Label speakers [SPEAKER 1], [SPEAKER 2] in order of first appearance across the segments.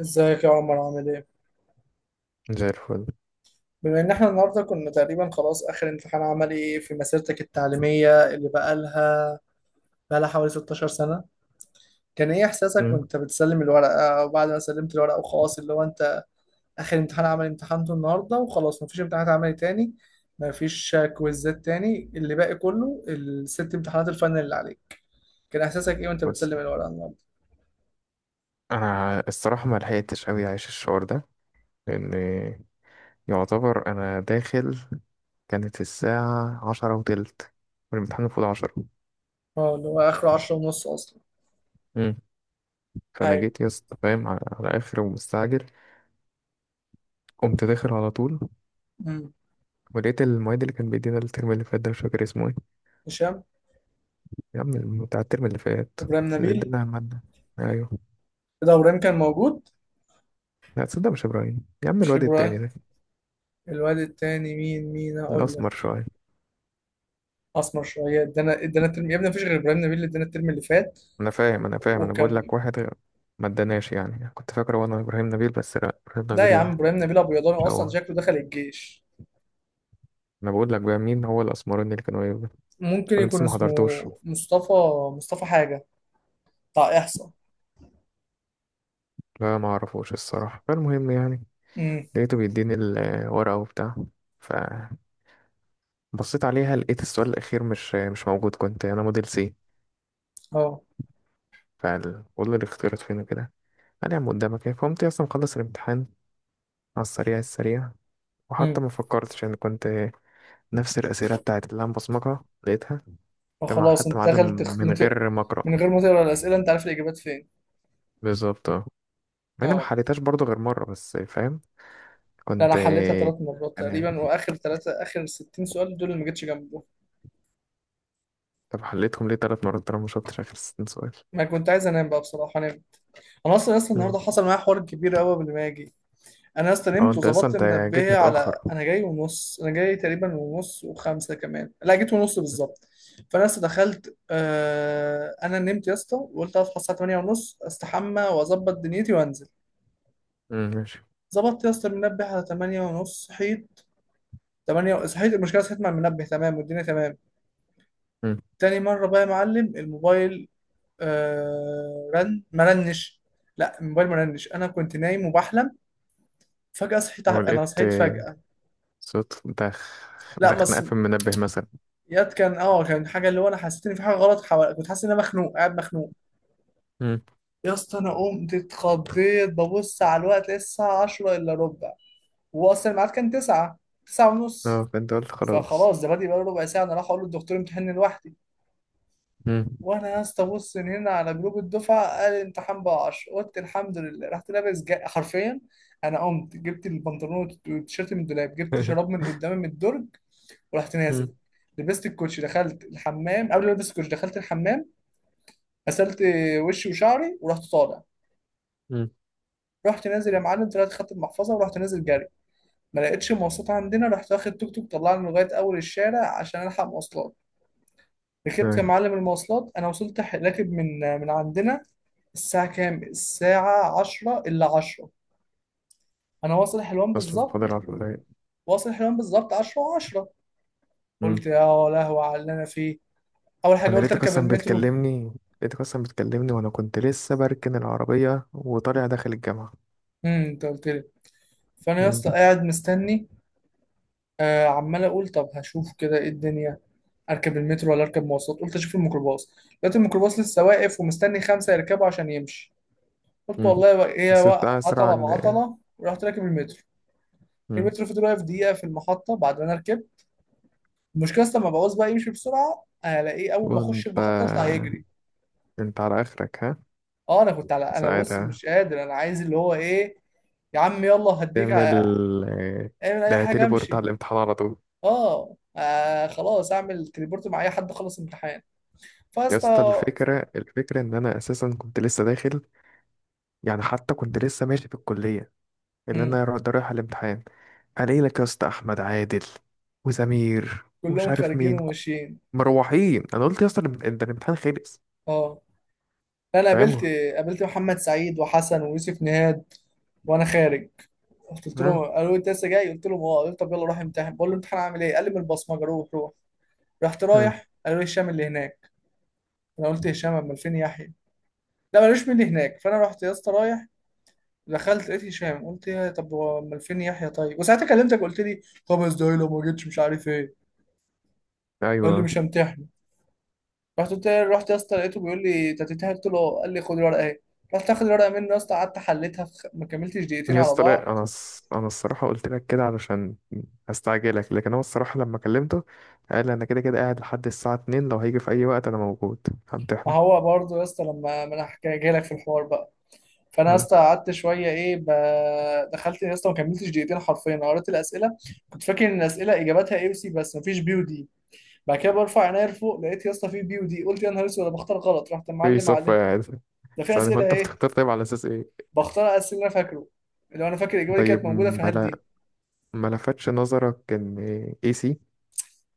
[SPEAKER 1] ازيك يا عمر؟ عامل ايه؟
[SPEAKER 2] زي الفل.
[SPEAKER 1] بما ان احنا النهارده كنا تقريبا خلاص اخر امتحان عملي في مسيرتك التعليمية اللي بقالها حوالي 16 سنة، كان ايه احساسك
[SPEAKER 2] مم.
[SPEAKER 1] وانت بتسلم الورقة، وبعد ما سلمت الورقة وخلاص اللي هو انت اخر امتحان عملي امتحنته النهارده، وخلاص مفيش امتحانات عملي تاني، مفيش كويزات تاني، اللي باقي كله الست امتحانات الفاينل اللي عليك، كان احساسك ايه وانت
[SPEAKER 2] بس
[SPEAKER 1] بتسلم الورقة النهارده؟
[SPEAKER 2] انا الصراحه ما لحقتش قوي عايش الشعور ده لان يعتبر انا داخل. كانت الساعه 10:20 والامتحان المفروض 10.
[SPEAKER 1] اه، اللي هو اخره 10 ونص اصلا.
[SPEAKER 2] مم. فانا
[SPEAKER 1] ايوه.
[SPEAKER 2] جيت يا اسطى فاهم على اخر ومستعجل. قمت داخل على طول
[SPEAKER 1] امم.
[SPEAKER 2] ولقيت المعيد اللي كان بيدينا الترم اللي فات، ده مش فاكر اسمه ايه.
[SPEAKER 1] هشام.
[SPEAKER 2] يا عم بتاع الترم اللي فات
[SPEAKER 1] ابراهيم
[SPEAKER 2] اللي
[SPEAKER 1] نبيل.
[SPEAKER 2] ادانا الماده. ايوه.
[SPEAKER 1] كده ابراهيم كان موجود؟
[SPEAKER 2] لا تصدق مش ابراهيم، يا عم
[SPEAKER 1] مش
[SPEAKER 2] الواد التاني
[SPEAKER 1] ابراهيم.
[SPEAKER 2] ده
[SPEAKER 1] الواد التاني مين هقول
[SPEAKER 2] الاسمر
[SPEAKER 1] لك.
[SPEAKER 2] شويه.
[SPEAKER 1] اسمر شويه ادانا الترم يا ابني؟ مفيش غير ابراهيم نبيل اللي ادانا الترم اللي فات.
[SPEAKER 2] انا فاهم، انا فاهم، انا بقول
[SPEAKER 1] وكان...
[SPEAKER 2] لك واحد ما اداناش، يعني كنت فاكره وانا ابراهيم نبيل، بس لا ابراهيم
[SPEAKER 1] لا يا
[SPEAKER 2] نبيل.
[SPEAKER 1] عم، ابراهيم نبيل ابيضاني
[SPEAKER 2] مش
[SPEAKER 1] اصلا،
[SPEAKER 2] هو.
[SPEAKER 1] شكله دخل الجيش.
[SPEAKER 2] انا بقول لك بقى مين هو الاسمراني اللي كانوا يبقى.
[SPEAKER 1] ممكن
[SPEAKER 2] انا
[SPEAKER 1] يكون
[SPEAKER 2] لسه ما
[SPEAKER 1] اسمه
[SPEAKER 2] حضرتوش.
[SPEAKER 1] مصطفى. مصطفى حاجه، بتاع احصاء.
[SPEAKER 2] لا ما اعرفوش الصراحه، فالمهم يعني
[SPEAKER 1] امم.
[SPEAKER 2] لقيته بيديني الورقه وبتاع، فبصيت عليها لقيت السؤال الاخير مش موجود، كنت انا موديل سي،
[SPEAKER 1] اه.
[SPEAKER 2] فبقول له الاختيارات فين كده. قال يا عم قدامك ايه. فقمت اصلا مخلص الامتحان على السريع السريع.
[SPEAKER 1] امم.
[SPEAKER 2] وحتى ما فكرتش، يعني كنت نفس الاسئله بتاعت اللي انا بصمجها لقيتها،
[SPEAKER 1] فخلاص
[SPEAKER 2] حتى
[SPEAKER 1] انت
[SPEAKER 2] معادن
[SPEAKER 1] دخلت
[SPEAKER 2] من غير ما اقرا.
[SPEAKER 1] من غير ما تقرا الاسئله انت عارف الاجابات فين.
[SPEAKER 2] بالظبط اه. مع اني ما
[SPEAKER 1] اه.
[SPEAKER 2] حليتهاش برضو غير مره بس، فاهم.
[SPEAKER 1] لا، انا
[SPEAKER 2] كنت.
[SPEAKER 1] حليتها ثلاث مرات
[SPEAKER 2] انا
[SPEAKER 1] تقريبا، واخر ثلاثه، اخر 60 سؤال دول اللي ما جيتش جنبه.
[SPEAKER 2] طب حليتهم ليه 3 مرات طالما ما شفتش اخر 60 سؤال؟
[SPEAKER 1] ما كنت عايز انام بقى بصراحه، انام. انا اصلا
[SPEAKER 2] مم.
[SPEAKER 1] النهارده حصل معايا حوار كبير قوي قبل ما اجي. انا يا اسطى
[SPEAKER 2] اه
[SPEAKER 1] نمت
[SPEAKER 2] انت اصلا
[SPEAKER 1] وظبطت
[SPEAKER 2] انت جيت
[SPEAKER 1] منبهي على
[SPEAKER 2] متاخر.
[SPEAKER 1] انا جاي ونص. انا جاي تقريبا ونص وخمسه كمان، لا جيت ونص بالظبط. فانا لسه دخلت. انا نمت يا اسطى وقلت هصحى الساعه 8 ونص، استحمى واظبط دنيتي وانزل.
[SPEAKER 2] مم، ماشي.
[SPEAKER 1] ظبطت يا اسطى المنبه على 8 ونص. صحيت 8، صحيت. المشكله صحيت مع المنبه تمام والدنيا تمام.
[SPEAKER 2] مم.
[SPEAKER 1] تاني مره بقى يا معلم الموبايل، رن ما رنش. لا، الموبايل ما رنش. انا كنت نايم وبحلم، فجاه صحيت انا
[SPEAKER 2] ولقيت
[SPEAKER 1] صحيت فجاه.
[SPEAKER 2] صوت،
[SPEAKER 1] لا
[SPEAKER 2] ده
[SPEAKER 1] ما
[SPEAKER 2] خناقه
[SPEAKER 1] ص-
[SPEAKER 2] في المنبه مثلا.
[SPEAKER 1] ياد، كان كان حاجه اللي هو انا حسيت ان في حاجه غلط حوالي، كنت حاسس ان انا مخنوق، قاعد مخنوق.
[SPEAKER 2] مم.
[SPEAKER 1] يا اسطى انا قمت اتخضيت، ببص على الوقت لقيت الساعه 10 الا ربع، واصلا الميعاد كان 9 9
[SPEAKER 2] اه
[SPEAKER 1] ونص.
[SPEAKER 2] فانت قلت خلاص.
[SPEAKER 1] فخلاص ده بادئ بقاله ربع ساعه. انا راح اقول للدكتور امتحاني لوحدي.
[SPEAKER 2] مم.
[SPEAKER 1] وانا يا اسطى بص من هنا على جروب الدفعه، قال الامتحان بقى 10. قلت الحمد لله. رحت لابس حرفيا انا قمت جبت البنطلون والتيشيرت من الدولاب، جبت شراب من قدام من الدرج، ورحت نازل.
[SPEAKER 2] مم.
[SPEAKER 1] لبست الكوتش، دخلت الحمام. قبل ما البس الكوتش دخلت الحمام، غسلت وشي وشعري، ورحت طالع.
[SPEAKER 2] مم.
[SPEAKER 1] رحت نازل يا معلم، طلعت خدت المحفظه ورحت نازل جري. ما لقيتش مواصلات عندنا، رحت واخد توك توك طلعني لغايه اول الشارع عشان الحق مواصلات. ركبت يا
[SPEAKER 2] تمام.
[SPEAKER 1] معلم المواصلات. انا وصلت راكب من عندنا. الساعه كام؟ الساعه 10 الا 10 انا واصل حلوان
[SPEAKER 2] اصلا فاضل
[SPEAKER 1] بالظبط.
[SPEAKER 2] 10 دقايق.
[SPEAKER 1] واصل حلوان بالظبط 10 و10. قلت يا لهوي على اللي انا فيه. اول حاجه
[SPEAKER 2] انا
[SPEAKER 1] قلت
[SPEAKER 2] لقيتك
[SPEAKER 1] اركب
[SPEAKER 2] اصلا
[SPEAKER 1] المترو.
[SPEAKER 2] بتكلمني لقيتك اصلا بتكلمني وانا كنت لسه بركن العربيه وطالع داخل الجامعه.
[SPEAKER 1] امم، انت قلت لي. فانا يا اسطى
[SPEAKER 2] مم.
[SPEAKER 1] قاعد مستني. عمال اقول طب هشوف كده ايه الدنيا، اركب المترو ولا اركب مواصلات؟ قلت اشوف الميكروباص. لقيت الميكروباص لسه واقف ومستني خمسه يركبوا عشان يمشي. قلت
[SPEAKER 2] مم.
[SPEAKER 1] والله هي
[SPEAKER 2] نسيت اسرع
[SPEAKER 1] عطله
[SPEAKER 2] ان.
[SPEAKER 1] بعطله، ورحت راكب المترو.
[SPEAKER 2] مم.
[SPEAKER 1] المترو فضل واقف دقيقه في المحطه بعد ما انا ركبت. المشكله اصلا لما بعوز بقى يمشي بسرعه الاقيه، اول ما اخش
[SPEAKER 2] وانت
[SPEAKER 1] المحطه يطلع يجري.
[SPEAKER 2] انت على اخرك ها.
[SPEAKER 1] اه، انا كنت على... انا بص
[SPEAKER 2] ساعتها
[SPEAKER 1] مش قادر، انا عايز اللي هو ايه، يا عم يلا هديك
[SPEAKER 2] تعمل. آه،
[SPEAKER 1] اعمل اي
[SPEAKER 2] ده
[SPEAKER 1] حاجه
[SPEAKER 2] تليبورت على
[SPEAKER 1] امشي.
[SPEAKER 2] الامتحان على طول.
[SPEAKER 1] اه، خلاص اعمل تليبورت مع اي حد خلص امتحان.
[SPEAKER 2] يا اسطى
[SPEAKER 1] فاسطى...
[SPEAKER 2] الفكره ان انا اساسا كنت لسه داخل، يعني حتى كنت لسه ماشي في الكليه، اللي
[SPEAKER 1] امم.
[SPEAKER 2] انا رايح على الامتحان. الاقي لك يا اسطى احمد عادل وسمير ومش
[SPEAKER 1] كلهم
[SPEAKER 2] عارف
[SPEAKER 1] خارجين
[SPEAKER 2] مين،
[SPEAKER 1] وماشيين.
[SPEAKER 2] مروحين. انا قلت يا اسطى ده الامتحان خلص.
[SPEAKER 1] اه، انا قابلت...
[SPEAKER 2] فاهم.
[SPEAKER 1] قابلت محمد سعيد وحسن ويوسف نهاد وانا خارج. قلت لهم،
[SPEAKER 2] ها.
[SPEAKER 1] قالوا لي انت لسه جاي؟ قلت لهم اه. قالوا طب يلا روح امتحن. بقول له امتحان عامل ايه؟ قال لي من البصمجه، روح روح. رحت
[SPEAKER 2] ها.
[SPEAKER 1] رايح، قالوا لي هشام اللي هناك. انا قلت هشام؟ امال فين يحيى؟ لا، مالوش من اللي هناك. فانا رحت يا اسطى رايح، دخلت لقيت هشام. قلت يا طب هو امال فين يحيى؟ طيب. وساعتها كلمتك، قلت لي خمس دقايق لو ما جيتش مش عارف ايه، قال لي
[SPEAKER 2] ايوه.
[SPEAKER 1] مش همتحن. رحت رحت يا اسطى لقيته بيقول لي انت هتتهيأ. قلت له... قال لي خد الورقه اهي. رحت اخد الورقه منه يا اسطى، قعدت حليتها ما كملتش دقيقتين
[SPEAKER 2] يا
[SPEAKER 1] على
[SPEAKER 2] اسطى
[SPEAKER 1] بعض.
[SPEAKER 2] لا، انا الصراحه قلت لك كده علشان استعجلك، لكن هو الصراحه لما كلمته قال انا كده كده قاعد لحد الساعه 2، لو هيجي في اي وقت انا موجود
[SPEAKER 1] ما
[SPEAKER 2] همتحنه.
[SPEAKER 1] هو برضه يا اسطى لما ما انا جاي لك في الحوار بقى. فانا يا
[SPEAKER 2] ها.
[SPEAKER 1] اسطى قعدت شويه ايه دخلت يا اسطى، ما كملتش دقيقتين حرفيا. أنا قريت الاسئله، كنت فاكر ان الاسئله اجاباتها اي وسي، بس ما فيش بي ودي. بعد كده برفع عينيا لفوق، لقيت يا اسطى في بي ودي. قلت يا نهار اسود، انا بختار غلط. رحت
[SPEAKER 2] في
[SPEAKER 1] معلم
[SPEAKER 2] صف
[SPEAKER 1] عليه
[SPEAKER 2] قاعد.
[SPEAKER 1] ده في
[SPEAKER 2] ثواني، هو
[SPEAKER 1] اسئله
[SPEAKER 2] انت
[SPEAKER 1] ايه.
[SPEAKER 2] بتختار طيب على اساس ايه؟
[SPEAKER 1] بختار اسئله انا فاكره، لو انا فاكر الاجابه دي كانت
[SPEAKER 2] طيب
[SPEAKER 1] موجوده في هات دي.
[SPEAKER 2] ما لفتش نظرك ان اي سي؟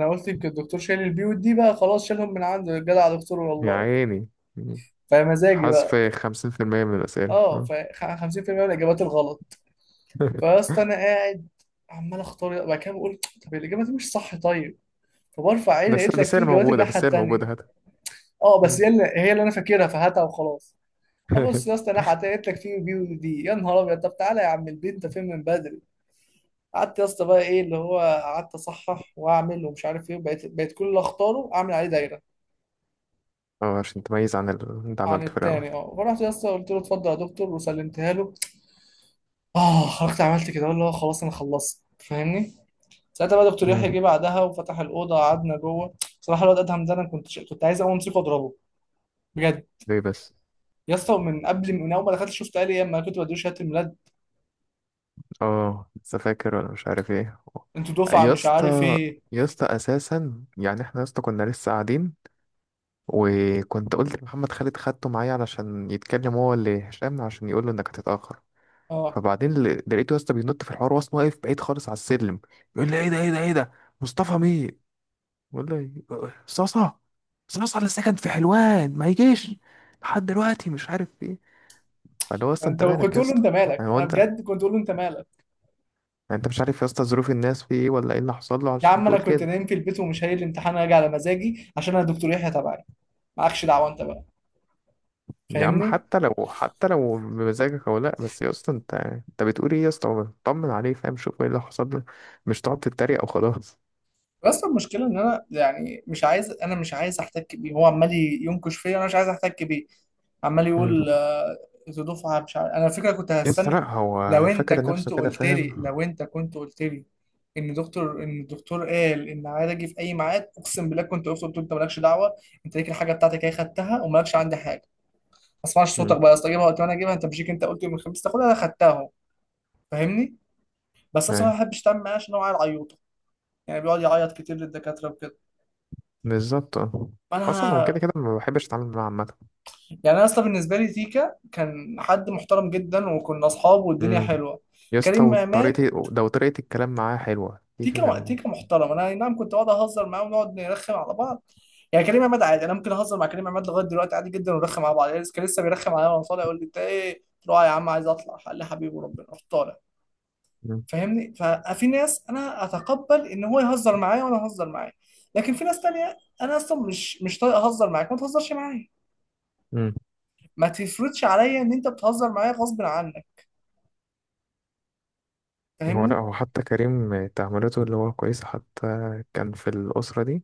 [SPEAKER 1] انا قلت يمكن الدكتور شايل البي والدي بقى خلاص، شالهم من عنده. جدع يا دكتور
[SPEAKER 2] يا
[SPEAKER 1] والله.
[SPEAKER 2] عيني.
[SPEAKER 1] فمزاجي
[SPEAKER 2] حذف
[SPEAKER 1] بقى...
[SPEAKER 2] 50% من الاسئله
[SPEAKER 1] اه،
[SPEAKER 2] ها.
[SPEAKER 1] ف 50% من الاجابات الغلط. فيا اسطى انا قاعد عمال اختار، بعد كده بقول طب الاجابه دي مش صح. طيب، فبرفع عيني
[SPEAKER 2] بس
[SPEAKER 1] لقيت لك
[SPEAKER 2] بس
[SPEAKER 1] في
[SPEAKER 2] هي
[SPEAKER 1] اجابات
[SPEAKER 2] موجوده،
[SPEAKER 1] الناحيه
[SPEAKER 2] بس هي
[SPEAKER 1] التانيه.
[SPEAKER 2] موجوده.
[SPEAKER 1] اه، بس
[SPEAKER 2] هات.
[SPEAKER 1] هي، اللي انا فاكرها، فهاتها وخلاص. ابص يا اسطى الناحيه التانيه، لقيت لك في بي ودي. يا نهار ابيض، طب تعالى يا عم البيت انت فين من بدري. قعدت يا اسطى بقى ايه اللي هو، قعدت اصحح واعمل ومش عارف ايه. بقيت كل اللي اختاره اعمل عليه دايره
[SPEAKER 2] اه عشان تميز عن اللي انت
[SPEAKER 1] عن
[SPEAKER 2] عملته في الاول.
[SPEAKER 1] التاني. اه، فرحت يا اسطى قلت له اتفضل يا دكتور وسلمتها له. اه، خرجت. عملت كده اللي هو خلاص انا خلصت، فاهمني. ساعتها بقى دكتور يحيى
[SPEAKER 2] مم.
[SPEAKER 1] جه بعدها وفتح الاوضه قعدنا جوه. بصراحه الواد ادهم ده انا كنت كنت عايز اقوم امسكه واضربه بجد.
[SPEAKER 2] ليه بس؟
[SPEAKER 1] يا اسطى من قبل، من اول ما دخلت شفت قال لي اما كنت بديله شهاده الميلاد،
[SPEAKER 2] اه لسه فاكر ولا مش عارف ايه.
[SPEAKER 1] انتوا دفعه
[SPEAKER 2] يا
[SPEAKER 1] مش عارف
[SPEAKER 2] اسطى
[SPEAKER 1] ايه.
[SPEAKER 2] يا اسطى اساسا، يعني احنا يا اسطى كنا لسه قاعدين، وكنت قلت لمحمد خالد خدته معايا علشان يتكلم هو اللي هشام عشان يقول له انك هتتاخر،
[SPEAKER 1] اه،
[SPEAKER 2] فبعدين لقيته يا اسطى بينط في الحوار، واصلا واقف بعيد خالص على السلم بيقول لي ايه ده ايه ده ايه ده. مصطفى مين؟ بقول له إيه؟ صاصا. صاصا اللي ساكن في حلوان ما يجيش لحد دلوقتي مش عارف ايه. فاللي هو اصلا انت
[SPEAKER 1] انت كنت
[SPEAKER 2] مالك يا
[SPEAKER 1] تقول له
[SPEAKER 2] اسطى.
[SPEAKER 1] انت مالك؟
[SPEAKER 2] يعني هو
[SPEAKER 1] انا
[SPEAKER 2] انت، يعني
[SPEAKER 1] بجد كنت تقول له انت مالك.
[SPEAKER 2] انت مش عارف يا اسطى ظروف الناس في ايه ولا ايه اللي حصل له
[SPEAKER 1] يا
[SPEAKER 2] عشان
[SPEAKER 1] عم انا
[SPEAKER 2] تقول
[SPEAKER 1] كنت
[SPEAKER 2] كده.
[SPEAKER 1] نايم في البيت، ومش هايل الامتحان، هاجي على مزاجي عشان انا دكتور يحيى تبعي. معكش دعوه انت بقى،
[SPEAKER 2] يا عم
[SPEAKER 1] فاهمني.
[SPEAKER 2] حتى لو حتى لو بمزاجك او لا، بس يا اسطى انت بتقول ايه يا اسطى، طمن عليه فاهم، شوف ايه اللي حصل له، مش تقعد تتريق او خلاص.
[SPEAKER 1] بس المشكله ان انا يعني مش عايز، انا مش عايز احتك بيه. هو عمال ينكش فيا، انا مش عايز احتك بيه. عمال يقول
[SPEAKER 2] امم.
[SPEAKER 1] ذو دفعه مش عارف. انا الفكره كنت
[SPEAKER 2] يا اسطى
[SPEAKER 1] هستنى،
[SPEAKER 2] لا،
[SPEAKER 1] لو
[SPEAKER 2] هو
[SPEAKER 1] انت
[SPEAKER 2] فاكر نفسه
[SPEAKER 1] كنت
[SPEAKER 2] كده،
[SPEAKER 1] قلت لي
[SPEAKER 2] فاهم.
[SPEAKER 1] لو انت كنت قلت لي، ان الدكتور قال ان عايز اجي في اي ميعاد، اقسم بالله كنت قلت له انت مالكش دعوه. انت ليك الحاجه بتاعتك، هي خدتها، ومالكش عندي حاجه. ما اسمعش صوتك
[SPEAKER 2] امم.
[SPEAKER 1] بقى يا اسطى، جيبها وقت ما انا اجيبها، انت مش ليك. انت قلت يوم الخميس تاخدها، انا خدتها اهو، فاهمني. بس أنا بصراحه
[SPEAKER 2] ايوه
[SPEAKER 1] ما بحبش اتعامل معاه عشان هو عيل عيوطه، يعني بيقعد يعيط كتير للدكاتره وكده.
[SPEAKER 2] بالظبط اه. اصلا هو كده
[SPEAKER 1] انا
[SPEAKER 2] كده ما بحبش اتعامل معاه عامه.
[SPEAKER 1] يعني، انا اصلا بالنسبه لي تيكا كان حد محترم جدا، وكنا اصحاب والدنيا
[SPEAKER 2] امم.
[SPEAKER 1] حلوه.
[SPEAKER 2] يا اسطى
[SPEAKER 1] كريم عماد،
[SPEAKER 2] وطريقتي ده وطريقة الكلام معاه حلوة دي
[SPEAKER 1] تيكا
[SPEAKER 2] كان.
[SPEAKER 1] تيكا محترم. انا أي نعم كنت بقعد اهزر معاه ونقعد نرخم على بعض. يعني كريم عماد عادي، انا ممكن اهزر مع كريم عماد لغايه دلوقتي عادي جدا ونرخم على بعض. يعني كان لسه بيرخم عليا وانا طالع، يقول لي انت ايه؟ قلت له آه يا عم عايز اطلع. قال لي حبيبي، وربنا رحت طالع. فاهمني، ففي ناس انا اتقبل ان هو يهزر معايا وانا اهزر معاه، لكن في ناس تانية انا اصلا مش طايق اهزر معاك، ما تهزرش معايا،
[SPEAKER 2] مم.
[SPEAKER 1] ما تفرضش عليا ان انت بتهزر معايا غصب عنك،
[SPEAKER 2] هو لا
[SPEAKER 1] فاهمني.
[SPEAKER 2] هو حتى كريم تعاملاته اللي هو كويسة، حتى كان في الأسرة دي،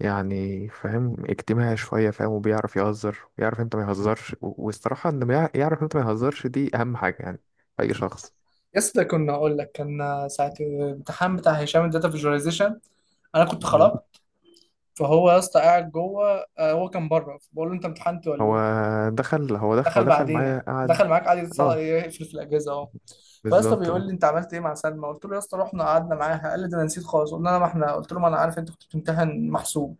[SPEAKER 2] يعني فاهم اجتماعي شوية، فاهم، وبيعرف يهزر ويعرف امتى ما يهزرش والصراحة انه يعرف امتى ما يهزرش، دي أهم حاجة يعني في أي شخص.
[SPEAKER 1] يسطا كنا اقول لك كان ساعه الامتحان بتاع هشام الداتا فيجواليزيشن، انا كنت
[SPEAKER 2] مم.
[SPEAKER 1] خراب. فهو يا اسطى قاعد جوه، هو كان بره بقول له انت امتحنت ولا
[SPEAKER 2] هو
[SPEAKER 1] ايه.
[SPEAKER 2] دخل هو دخل هو
[SPEAKER 1] دخل
[SPEAKER 2] دخل
[SPEAKER 1] بعدينا،
[SPEAKER 2] معايا قعد.
[SPEAKER 1] دخل معاك قعد
[SPEAKER 2] اه
[SPEAKER 1] يقفل في الاجهزه اهو. فيا اسطى
[SPEAKER 2] بالظبط اه.
[SPEAKER 1] بيقول لي انت عملت ايه مع سلمى؟ قلت له يا اسطى رحنا قعدنا معاها. قال لي ده انا نسيت خالص. قلنا انا ما احنا، قلت له ما انا عارف انت كنت بتمتحن، محسوب.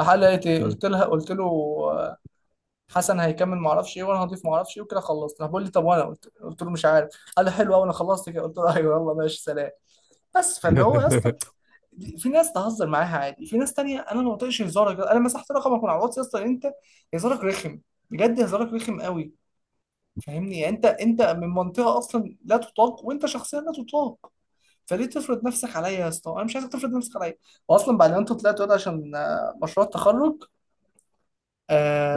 [SPEAKER 1] راح قال لي لقيت ايه؟
[SPEAKER 2] مم.
[SPEAKER 1] قلت لها، قلت له آه، حسن هيكمل ما اعرفش ايه، وانا هضيف ما اعرفش ايه، وكده خلصت. راح بيقول لي طب؟ وانا قلت له مش عارف. قال لي حلو قوي، انا خلصت كده. قلت له ايوه يلا ماشي سلام. بس فاللي هو يا اسطى في ناس تهزر معاها عادي، في ناس تانية انا ما بطيقش هزارك. انا مسحت رقمك من على الواتس يا اسطى، انت هزارك رخم، بجد هزارك رخم قوي. فاهمني، يعني انت من منطقه اصلا لا تطاق، وانت شخصيا لا تطاق. فليه تفرض نفسك عليا يا اسطى؟ انا مش عايزك تفرض نفسك عليا. واصلا بعد ما انت طلعت، وده عشان مشروع التخرج...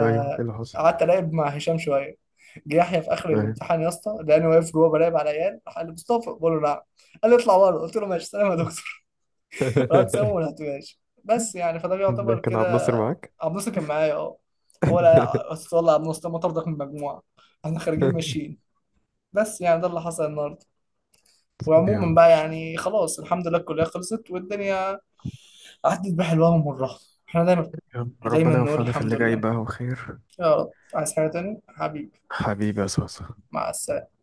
[SPEAKER 2] ايوه ايه اللي حصل؟
[SPEAKER 1] قعدت الاعب مع هشام شويه. جه يحيى في اخر
[SPEAKER 2] ايوه.
[SPEAKER 1] الامتحان يا اسطى، لقاني واقف جوه براقب على العيال. راح قال لي مصطفى، بقول له نعم. قال لي اطلع بره. قلت له ماشي سلام يا دكتور. واتساب وما لحقتوهاش، بس يعني فده
[SPEAKER 2] ده
[SPEAKER 1] بيعتبر
[SPEAKER 2] كان
[SPEAKER 1] كده.
[SPEAKER 2] عبد الناصر معاك؟
[SPEAKER 1] عبد الناصر كان معايا، اه. هو لا، بس والله يا عبد الناصر ما طردك من المجموعه، احنا خارجين ماشيين. بس يعني ده اللي حصل النهارده.
[SPEAKER 2] طب يا
[SPEAKER 1] وعموما
[SPEAKER 2] عم
[SPEAKER 1] بقى
[SPEAKER 2] قشطة.
[SPEAKER 1] يعني خلاص، الحمد لله الكليه خلصت، والدنيا عدت بحلوها ومرها. احنا دايما،
[SPEAKER 2] يا عم
[SPEAKER 1] دايما
[SPEAKER 2] ربنا
[SPEAKER 1] نقول
[SPEAKER 2] يوفقنا في
[SPEAKER 1] الحمد
[SPEAKER 2] اللي جاي
[SPEAKER 1] لله.
[SPEAKER 2] بقى وخير.
[SPEAKER 1] يا رب. عايز حاجه تاني حبيبي؟
[SPEAKER 2] حبيبي يا صوصة.
[SPEAKER 1] مع السلامه.